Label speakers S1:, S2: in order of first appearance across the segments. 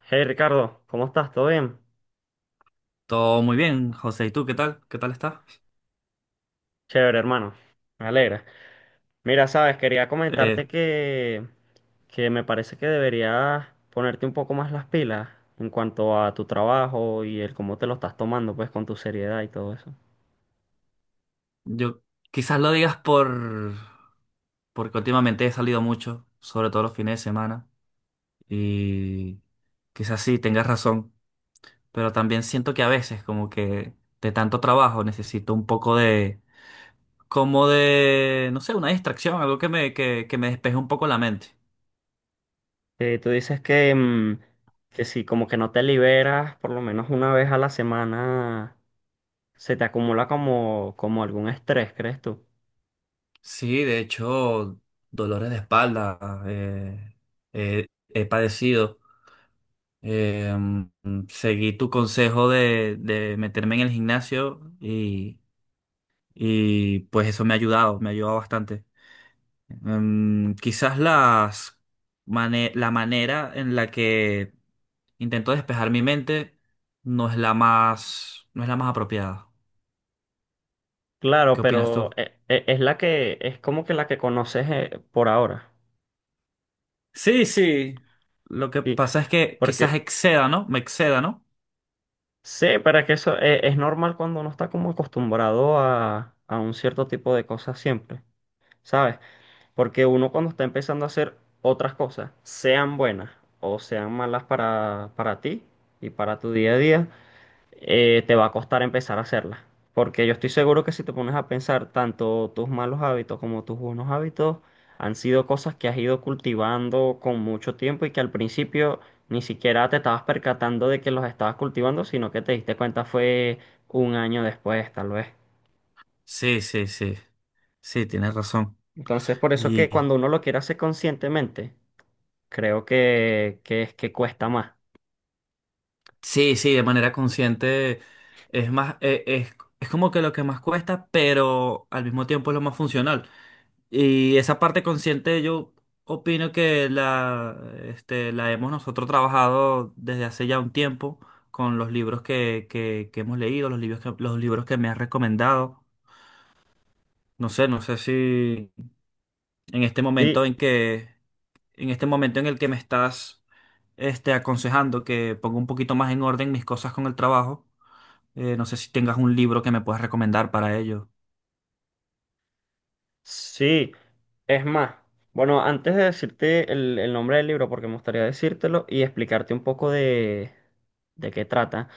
S1: Hey Ricardo, ¿cómo estás? ¿Todo bien?
S2: Todo muy bien, José. ¿Y tú qué tal? ¿Qué tal estás?
S1: Chévere, hermano. Me alegra. Mira, sabes, quería
S2: Eh,
S1: comentarte que me parece que deberías ponerte un poco más las pilas en cuanto a tu trabajo y el cómo te lo estás tomando, pues, con tu seriedad y todo eso.
S2: yo quizás lo digas porque últimamente he salido mucho, sobre todo los fines de semana, y quizás sí tengas razón, pero también siento que a veces como que de tanto trabajo necesito un poco de como de no sé, una distracción, algo que me despeje un poco la mente.
S1: Tú dices que si como que no te liberas por lo menos una vez a la semana, se te acumula como algún estrés, ¿crees tú?
S2: Sí, de hecho, dolores de espalda eh, he padecido. Seguí tu consejo de meterme en el gimnasio y, pues eso me ha ayudado bastante. Quizás la manera en la que intento despejar mi mente no es la más, no es la más apropiada.
S1: Claro,
S2: ¿Qué opinas
S1: pero
S2: tú?
S1: es la que, es como que la que conoces, por ahora.
S2: Sí, sí. Lo que
S1: Sí,
S2: pasa es que quizás
S1: porque...
S2: exceda, ¿no? Me exceda, ¿no?
S1: Sí, pero es que eso es normal cuando uno está como acostumbrado a un cierto tipo de cosas siempre, ¿sabes? Porque uno, cuando está empezando a hacer otras cosas, sean buenas o sean malas para ti y para tu día a día, te va a costar empezar a hacerla. Porque yo estoy seguro que, si te pones a pensar, tanto tus malos hábitos como tus buenos hábitos han sido cosas que has ido cultivando con mucho tiempo, y que al principio ni siquiera te estabas percatando de que los estabas cultivando, sino que te diste cuenta fue un año después, tal vez.
S2: Sí, sí, sí. Sí, tienes razón.
S1: Entonces, por eso que cuando uno lo quiere hacer conscientemente, creo que es que cuesta más.
S2: Sí, sí, de manera consciente es como que lo que más cuesta, pero al mismo tiempo es lo más funcional. Y esa parte consciente yo opino que la hemos nosotros trabajado desde hace ya un tiempo con los libros que hemos leído, los libros que me has recomendado. No sé, no sé si en este momento
S1: Sí,
S2: en que, en este momento en el que me estás, aconsejando que ponga un poquito más en orden mis cosas con el trabajo. No sé si tengas un libro que me puedas recomendar para ello.
S1: sí, es más, bueno, antes de decirte el nombre del libro, porque me gustaría decírtelo y explicarte un poco de qué trata,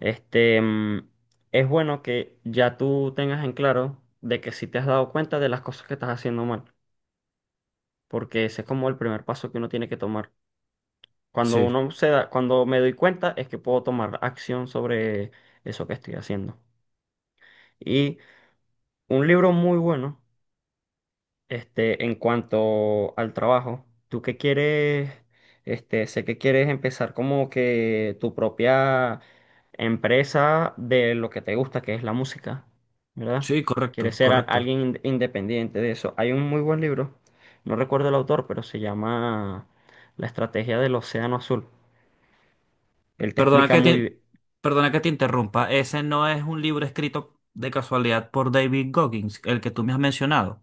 S1: este, mm, es bueno que ya tú tengas en claro de que si te has dado cuenta de las cosas que estás haciendo mal, porque ese es como el primer paso que uno tiene que tomar. Cuando
S2: Sí,
S1: uno se da, cuando me doy cuenta, es que puedo tomar acción sobre eso que estoy haciendo. Y un libro muy bueno. En cuanto al trabajo, tú que quieres, sé que quieres empezar como que tu propia empresa de lo que te gusta, que es la música, ¿verdad?
S2: sí,
S1: Quieres
S2: correcto,
S1: ser
S2: correcto.
S1: alguien independiente de eso. Hay un muy buen libro, no recuerdo el autor, pero se llama La estrategia del océano azul. Él te
S2: Perdona
S1: explica
S2: que te,
S1: muy bien.
S2: perdona que te interrumpa. Ese no es un libro escrito de casualidad por David Goggins, el que tú me has mencionado.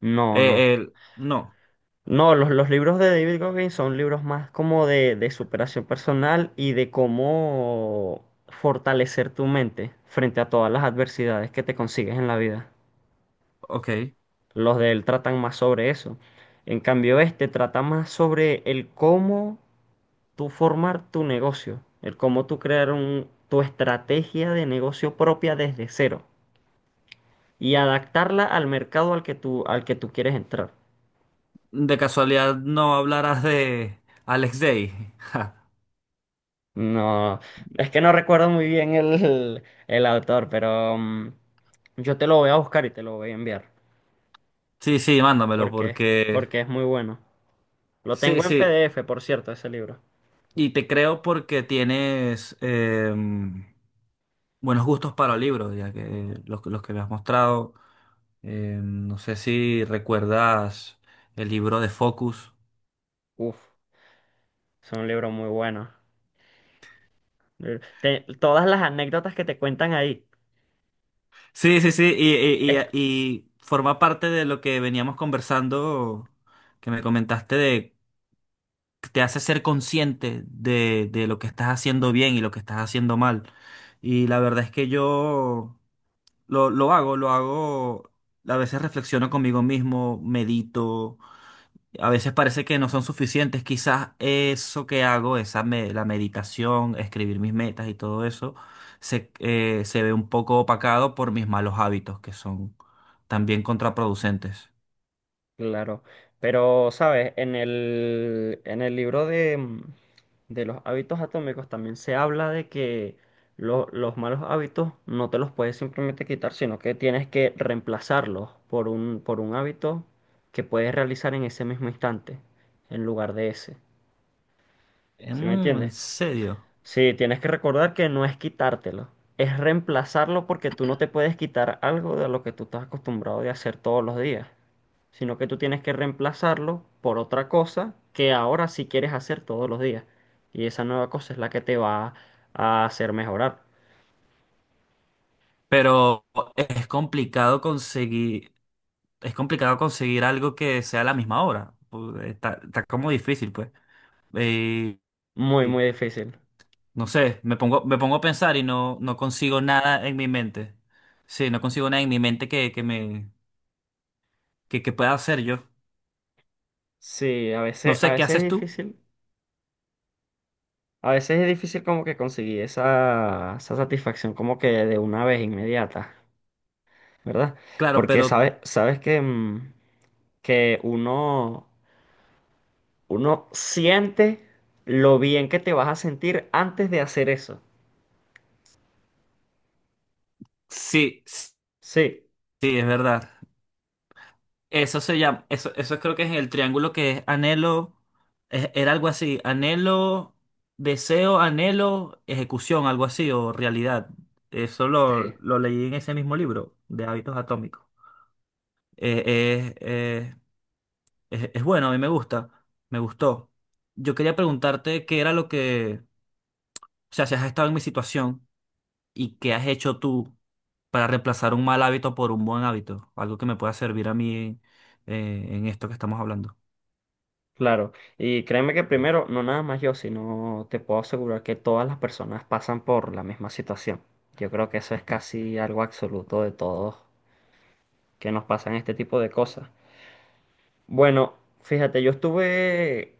S1: No, no.
S2: No,
S1: No, los libros de David Goggins son libros más como de superación personal y de cómo fortalecer tu mente frente a todas las adversidades que te consigues en la vida.
S2: ok.
S1: Los de él tratan más sobre eso. En cambio, este trata más sobre el cómo tú formar tu negocio, el cómo tú crear tu estrategia de negocio propia desde cero y adaptarla al mercado al que tú quieres entrar.
S2: De casualidad no hablarás de Alex Day. Ja.
S1: No, es que no recuerdo muy bien el autor, pero yo te lo voy a buscar y te lo voy a enviar,
S2: Sí, sí, mándamelo
S1: porque,
S2: porque...
S1: porque es muy bueno. Lo
S2: Sí,
S1: tengo en
S2: sí.
S1: PDF, por cierto, ese libro.
S2: Y te creo porque tienes buenos gustos para libros, ya que los que me has mostrado. No sé si recuerdas el libro de Focus.
S1: Uf, es un libro muy bueno. Todas las anécdotas que te cuentan ahí.
S2: Sí, sí, sí,
S1: Es...
S2: y forma parte de lo que veníamos conversando, que me comentaste de que te hace ser consciente de lo que estás haciendo bien y lo que estás haciendo mal. Y la verdad es que yo lo hago, lo hago. A veces reflexiono conmigo mismo, medito. A veces parece que no son suficientes. Quizás eso que hago, la meditación, escribir mis metas y todo eso, se ve un poco opacado por mis malos hábitos, que son también contraproducentes.
S1: Claro, pero sabes, en el libro de, de los hábitos atómicos también se habla de que los malos hábitos no te los puedes simplemente quitar, sino que tienes que reemplazarlos por por un hábito que puedes realizar en ese mismo instante, en lugar de ese. ¿Sí me
S2: Mm, en
S1: entiendes?
S2: serio.
S1: Sí, tienes que recordar que no es quitártelo, es reemplazarlo, porque tú no te puedes quitar algo de lo que tú estás acostumbrado de hacer todos los días, sino que tú tienes que reemplazarlo por otra cosa que ahora sí quieres hacer todos los días. Y esa nueva cosa es la que te va a hacer mejorar.
S2: Pero es complicado conseguir, es complicado conseguir algo que sea a la misma hora. Pues, está como difícil, pues. Eh,
S1: Muy, muy difícil.
S2: No sé, me pongo a pensar y no, no consigo nada en mi mente. Sí, no consigo nada en mi mente que pueda hacer yo.
S1: Sí,
S2: No
S1: a
S2: sé qué
S1: veces
S2: haces
S1: es
S2: tú,
S1: difícil. A veces es difícil como que conseguir esa, esa satisfacción como que de una vez inmediata, ¿verdad?
S2: claro,
S1: Porque
S2: pero
S1: sabes, sabes que... que uno, uno siente lo bien que te vas a sentir antes de hacer eso.
S2: sí, sí,
S1: Sí,
S2: es verdad. Eso se llama, eso creo que es el triángulo que es anhelo, es- era algo así, anhelo, deseo, anhelo, ejecución, algo así, o realidad. Eso
S1: sí,
S2: lo leí en ese mismo libro de hábitos atómicos. Eh, eh, eh, es bueno, a mí me gusta, me gustó. Yo quería preguntarte qué era lo que, o sea, si has estado en mi situación y qué has hecho tú para reemplazar un mal hábito por un buen hábito, algo que me pueda servir a mí en esto que estamos hablando.
S1: claro. Y créeme que, primero, no nada más yo, sino te puedo asegurar que todas las personas pasan por la misma situación. Yo creo que eso es casi algo absoluto de todos, que nos pasan este tipo de cosas. Bueno, fíjate, yo estuve,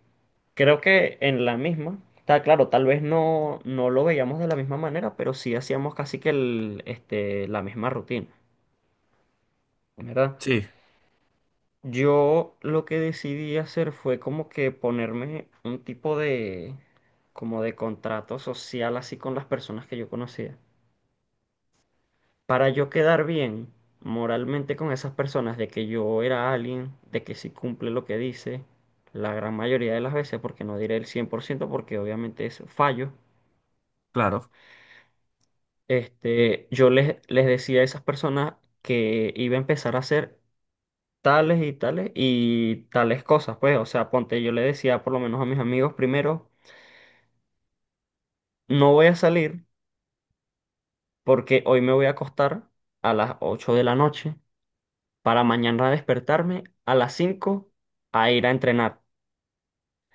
S1: creo que en la misma. Está claro, tal vez no, no lo veíamos de la misma manera, pero sí hacíamos casi que el, la misma rutina, ¿verdad?
S2: Sí,
S1: Yo lo que decidí hacer fue como que ponerme un tipo de, como de contrato social así con las personas que yo conocía, para yo quedar bien moralmente con esas personas, de que yo era alguien de que sí cumple lo que dice la gran mayoría de las veces, porque no diré el 100%, porque obviamente es fallo.
S2: claro.
S1: Yo les decía a esas personas que iba a empezar a hacer tales y tales y tales cosas, pues, o sea, ponte, yo le decía por lo menos a mis amigos primero: no voy a salir porque hoy me voy a acostar a las 8 de la noche para mañana despertarme a las 5 a ir a entrenar.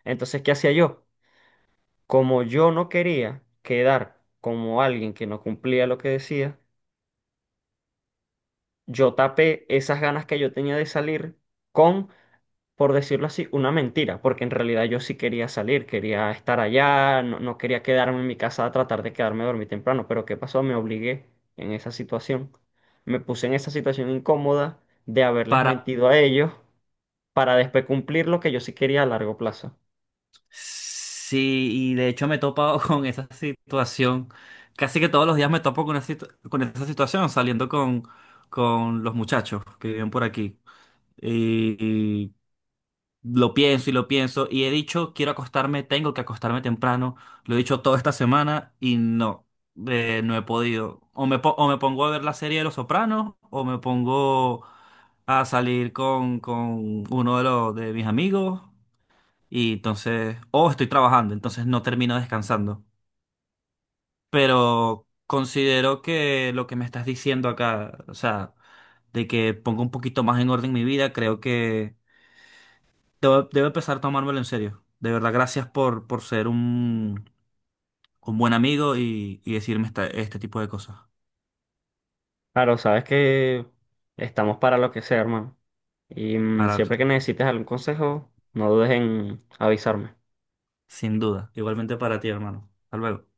S1: Entonces, ¿qué hacía yo? Como yo no quería quedar como alguien que no cumplía lo que decía, yo tapé esas ganas que yo tenía de salir con, por decirlo así, una mentira, porque en realidad yo sí quería salir, quería estar allá, no, no quería quedarme en mi casa a tratar de quedarme a dormir temprano, pero ¿qué pasó? Me obligué en esa situación, me puse en esa situación incómoda de haberles
S2: Para,
S1: mentido a ellos para después cumplir lo que yo sí quería a largo plazo.
S2: sí, y de hecho me he topado con esa situación, casi que todos los días me topo con, con esa situación saliendo con los muchachos que viven por aquí. Y lo pienso y lo pienso y he dicho, quiero acostarme, tengo que acostarme temprano. Lo he dicho toda esta semana y no, no he podido. O me pongo a ver la serie de Los Sopranos o me pongo a salir con, de mis amigos y entonces, o estoy trabajando, entonces no termino descansando. Pero considero que lo que me estás diciendo acá, o sea, de que ponga un poquito más en orden mi vida, creo que... Debo, debo empezar a tomármelo en serio. De verdad, gracias por ser un buen amigo y decirme este tipo de cosas.
S1: Claro, sabes que estamos para lo que sea, hermano. Y
S2: Parar,
S1: siempre que necesites algún consejo, no dudes en avisarme.
S2: sin duda. Igualmente para ti, hermano. Hasta luego.